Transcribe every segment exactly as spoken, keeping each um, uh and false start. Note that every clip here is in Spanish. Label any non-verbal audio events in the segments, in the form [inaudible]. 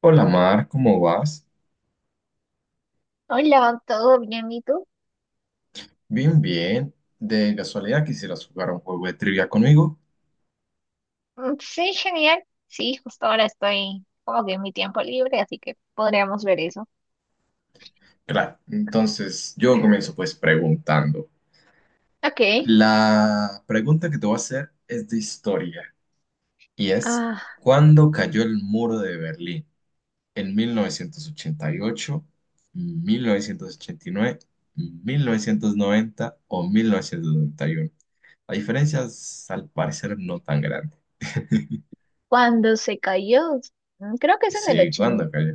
Hola Mar, ¿cómo vas? Hola, ¿todo bien? ¿Y tú? Bien, bien. De casualidad, ¿quisieras jugar un juego de trivia conmigo? Mm, sí, genial. Sí, justo ahora estoy como que en mi tiempo libre, así que podríamos ver eso. Claro, entonces yo comienzo pues preguntando. Ok. La pregunta que te voy a hacer es de historia y es, Ah, ¿cuándo cayó el muro de Berlín? ¿En mil mil novecientos novecientos ochenta ochenta y y ocho, mil novecientos ochenta y nueve, mil novecientos noventa o mil novecientos noventa y uno? La diferencia es, al parecer, no tan grande. [laughs] cuando se cayó, Mm, creo que es en el Sí, ochenta ¿cuándo cayó?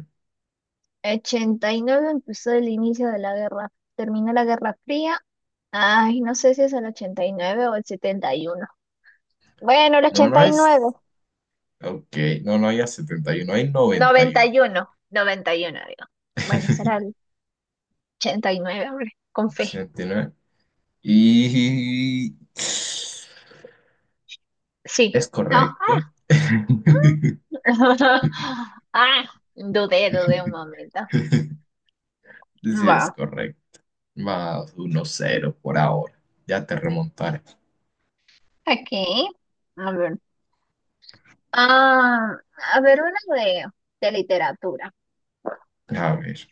ochenta y nueve, empezó el inicio de la guerra. Terminó la Guerra Fría. Ay, no sé si es el ochenta y nueve o el setenta y uno. Bueno, el No, no ochenta y y nueve. es. Ok, no, no había setenta y uno, hay noventa y Noventa uno y uno, noventa y uno, digo. Bueno, será [laughs] el ochenta y nueve, hombre, con fe. Setenta y nueve, y Sí. es No. correcto. ah, [laughs] [laughs] Ah, dudé, dudé un momento. Sí, Va, es correcto. Más uno cero por ahora. Ya te remontaré. aquí, a ver. Ah, a ver, una de, de literatura. A ver,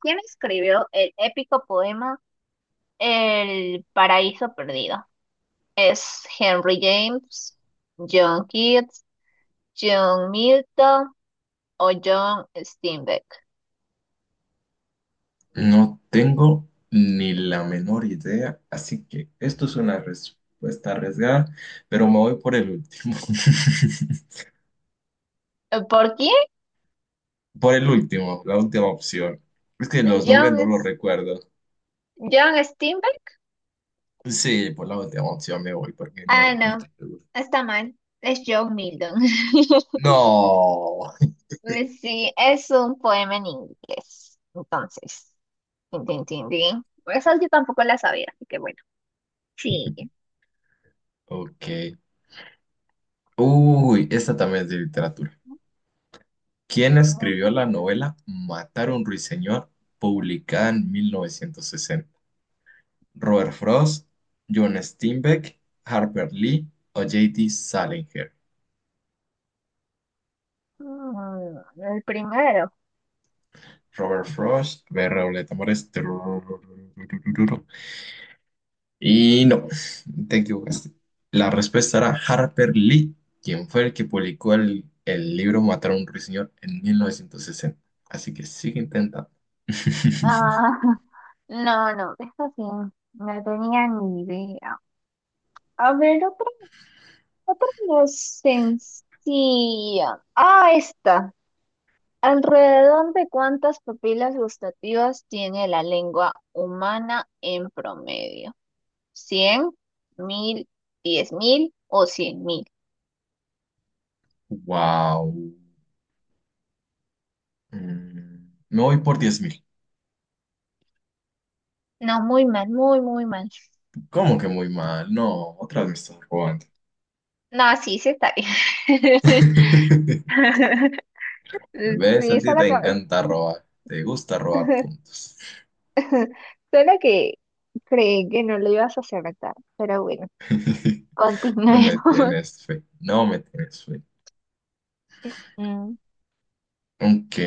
¿Quién escribió el épico poema El Paraíso Perdido? ¿Es Henry James, John Keats, John Milton o John Steinbeck? no tengo ni la menor idea, así que esto es una respuesta arriesgada, pero me voy por el último. [laughs] Eh, ¿Por quién? Por el último, la última opción. Es que los nombres John, no los S- recuerdo. John Steinbeck. Sí, por la última opción me voy porque Ah, no, no no, estoy seguro. está mal. Es John Milton. [laughs] No. Pues sí, es un poema en inglés. Entonces, tin, tin, tin, tin. Esas yo tampoco las sabía, así que bueno. Sí. Ok. Uy, esta también es de literatura. ¿Quién escribió Ok. la novela Matar a un ruiseñor, publicada en mil novecientos sesenta? ¿Robert Frost, John Steinbeck, Harper Lee o J D. Salinger? Mm, el primero. Robert Frost, B. Reoleta Mores. Y no, te equivocaste. La respuesta era Harper Lee, quien fue el que publicó el, el libro Matar a un ruiseñor en mil novecientos sesenta. Así que sigue intentando. [laughs] Ah, [laughs] no, no, eso sí, no tenía ni idea. A ver, otra, otra no sencilla. Ah, esta. ¿Alrededor de cuántas papilas gustativas tiene la lengua humana en promedio? Cien, mil, diez mil o cien mil. Wow, me voy por diez mil. No, muy mal, muy, muy mal. ¿Cómo que muy mal? No, otra vez me estás robando. No, sí, sí está bien. [laughs] [laughs] ¿Ves? Sí, A ti esa la te acabas. encanta robar. Te gusta robar puntos. [laughs] Solo que creí que no lo ibas a acertar, pero bueno, [laughs] No continuemos. me [laughs] tienes fe. No me tienes fe. Mm, Ok.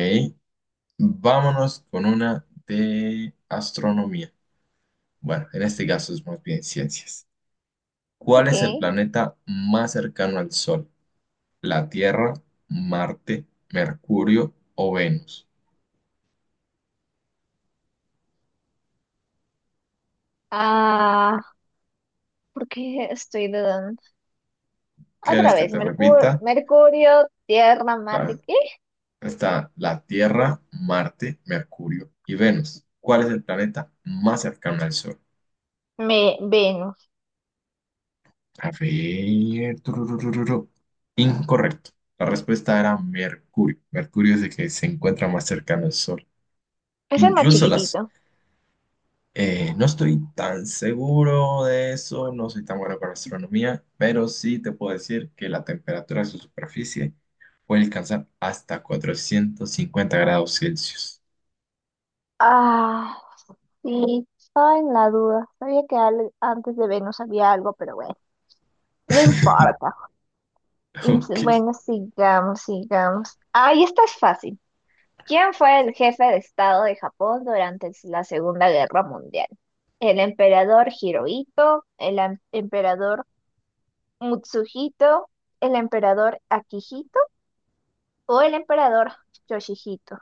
Vámonos con una de astronomía. Bueno, en este caso es más bien ciencias. ¿Cuál ok. es el planeta más cercano al Sol? ¿La Tierra, Marte, Mercurio o Venus? Ah, ¿por qué estoy dudando? ¿Quieres Otra que vez, te Mercur- repita? Mercurio, Tierra, La- Marte, ¿qué? Está la Tierra, Marte, Mercurio y Venus. ¿Cuál es el planeta más cercano al Sol? Me Venus. A ver. Tururururu. Incorrecto. La respuesta era Mercurio. Mercurio es el que se encuentra más cercano al Sol. Es el más Incluso las... chiquitito. eh, no estoy tan seguro de eso, no soy tan bueno con astronomía, pero sí te puedo decir que la temperatura de su superficie puede alcanzar hasta cuatrocientos cincuenta grados Celsius. Ah. Sí, estaba en la duda. Sabía que al- antes de Venus había algo, pero bueno, no [laughs] importa. Es- Ok. Bueno, sigamos, sigamos. Ahí esta es fácil. ¿Quién fue el jefe de Estado de Japón durante la Segunda Guerra Mundial? ¿El emperador Hirohito? ¿El am- emperador Mutsuhito? ¿El emperador Akihito? ¿O el emperador Yoshihito?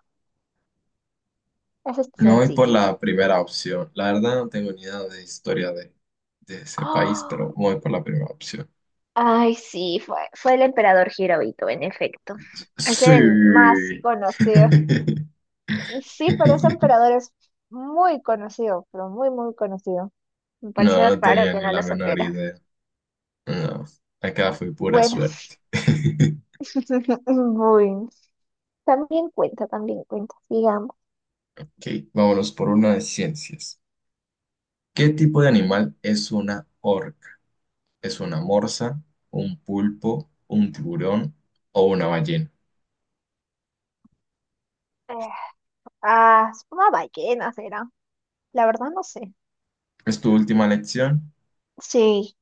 Esa es Me voy por sencilla. la primera opción. La verdad, no tengo ni idea de historia de, de, ese país, pero ¡Ah! me voy por la primera opción. Ay, sí, fue, fue el emperador Hirohito, en efecto. Es el más Sí. conocido. [laughs] Sí, pero ese emperador es muy conocido, pero muy, muy conocido. Me No, pareció no raro tenía que ni no la lo menor supieras. idea. No, acá fue pura Bueno, suerte. [laughs] [laughs] muy. También cuenta, también cuenta, digamos. Ok, vámonos por una de ciencias. ¿Qué tipo de Mm, animal es una orca? ¿Es una morsa, un pulpo, un tiburón o una ballena? eh, ah, es una ballena será. La verdad no sé. ¿Es tu última lección? Sí,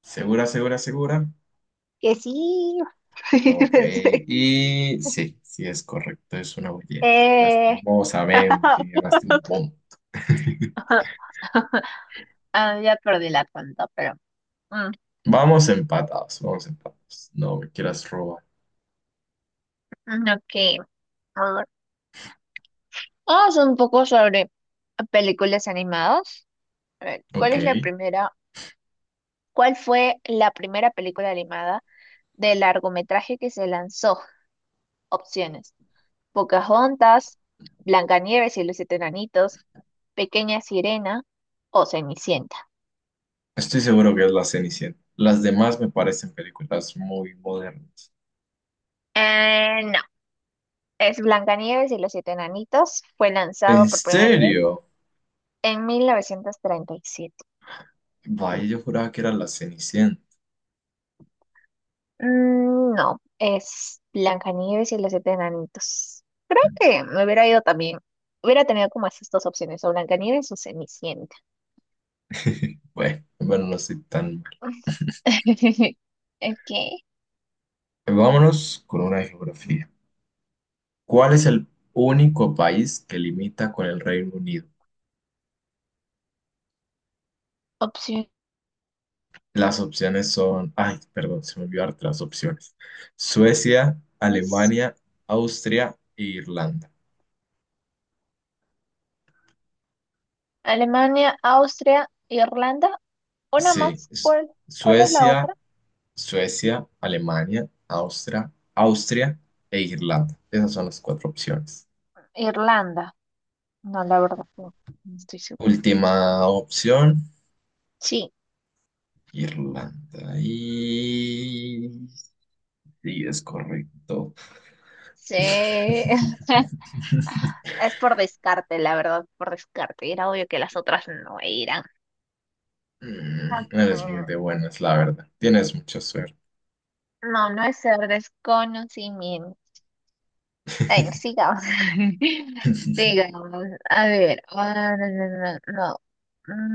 ¿Segura, segura, segura? que sí. [laughs] Ok, Pensé. y sí, sí es correcto, es una ballena. Eh, Lastimosamente, ganaste un punto. [laughs] [laughs] Ah, ya perdí la cuenta, pero. Vamos empatados, vamos empatados. No me quieras robar. Mm, ok, a ver. Vamos un poco sobre películas animadas. A ver, ¿cuál Ok, es la primera? ¿Cuál fue la primera película animada de largometraje que se lanzó? Opciones: Pocahontas, Blancanieves y los Siete Enanitos, Pequeña Sirena o Cenicienta. estoy seguro que es la Cenicienta. Las demás me parecen películas muy modernas. Eh, no, es Blancanieves y los Siete Enanitos. Fue ¿En lanzado por primera vez serio? en mil novecientos treinta y siete. Vaya, yo juraba que era la Cenicienta. Mm, no, es Blancanieves y los siete enanitos. Creo que me hubiera ido también. Hubiera tenido como esas dos opciones, o Blancanieves o Cenicienta. [laughs] Bueno, bueno, no soy tan mal. [laughs] Ok, Vámonos con una de geografía. ¿Cuál es el único país que limita con el Reino Unido? opciones. Las opciones son, ay, perdón, se me olvidó darte las opciones. Suecia, Alemania, Austria e Irlanda. Alemania, Austria, Irlanda. Una Sí, más. es- ¿Cuál, cuál es la Suecia, otra? Suecia, Alemania, Austria, Austria e Irlanda. Esas son las cuatro opciones. Irlanda. No, la verdad, no, no estoy segura. Última opción. Sí, Irlanda. Y sí, es correcto. sí. [laughs] [laughs] Es por descarte, la verdad, por descarte. Era obvio que las otras no eran. Mm, Eres muy Ok. de buenas, la verdad. Tienes mucha suerte. No, no es ser desconocimiento. Ay, no, [laughs] sigamos. [laughs] Sigamos. A ver. ah, no, no, no, no.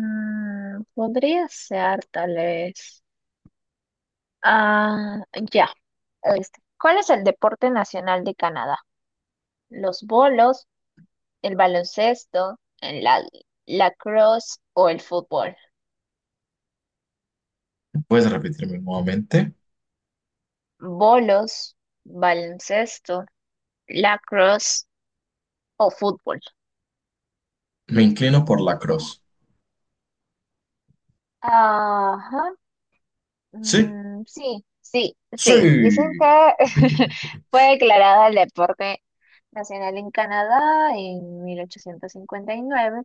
Mm, podría ser tal vez. Ah, ya. Este. ¿Cuál es el deporte nacional de Canadá? ¿Los bolos, el baloncesto, el la lacrosse o el fútbol? ¿Puedes repetirme nuevamente? Bolos, baloncesto, lacrosse o fútbol. Me inclino por la cruz. Ajá. ¿Sí? Mm, sí, sí, sí. Dicen Sí. que [laughs] [laughs] fue declarada el deporte nacional en Canadá en mil ochocientos cincuenta y nueve,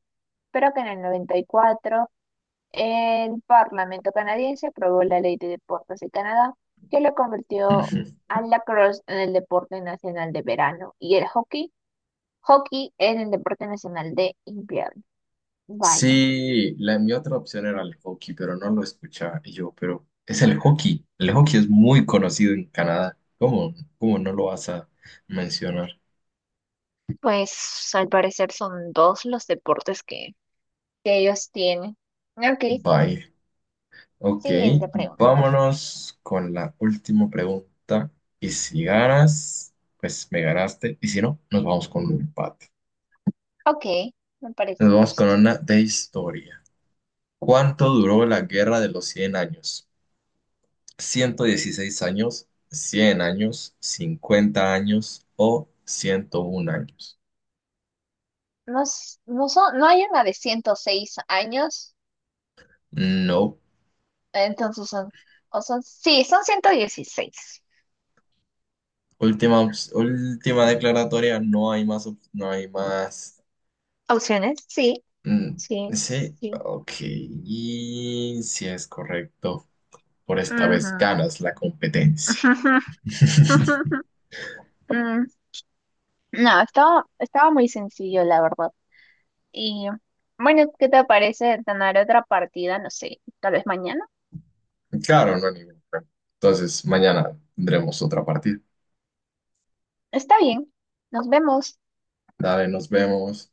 pero que en el noventa y cuatro el Parlamento canadiense aprobó la Ley de Deportes de Canadá, que lo convirtió al lacrosse en el deporte nacional de verano y el hockey, hockey en el deporte nacional de invierno. Vaya, Sí, la, mi otra opción era el hockey, pero no lo escuchaba y yo, pero es el hockey. El hockey es muy conocido en Canadá. ¿Cómo, cómo no lo vas a mencionar? pues al parecer son dos los deportes que, que ellos tienen. Ok, Bye. Ok, siguiente pregunta. vámonos con la última pregunta. Y si ganas, pues me ganaste. Y si no, nos vamos con un empate. Ok, me parece Nos vamos con justo. una de historia. ¿Cuánto duró la guerra de los Cien años? ¿Ciento dieciséis años, cien años, cincuenta años o ciento un años? No, s- no, son, no hay una de ciento seis años, No. entonces son, o son, sí, son ciento dieciséis. Última, ops- última declaratoria. No hay más. op- No hay más. ¿Opciones? Sí, mm, sí, Sí, sí. ok. Y si es correcto. Por esta vez Ujú. ganas la competencia. [laughs] [laughs] Mm, no, estaba, estaba muy sencillo, la verdad. Y bueno, ¿qué te parece ganar otra partida? No sé, tal vez mañana. Claro, no hay ningún problema. Entonces, mañana tendremos otra partida. Está bien, nos vemos. Dale, nos vemos.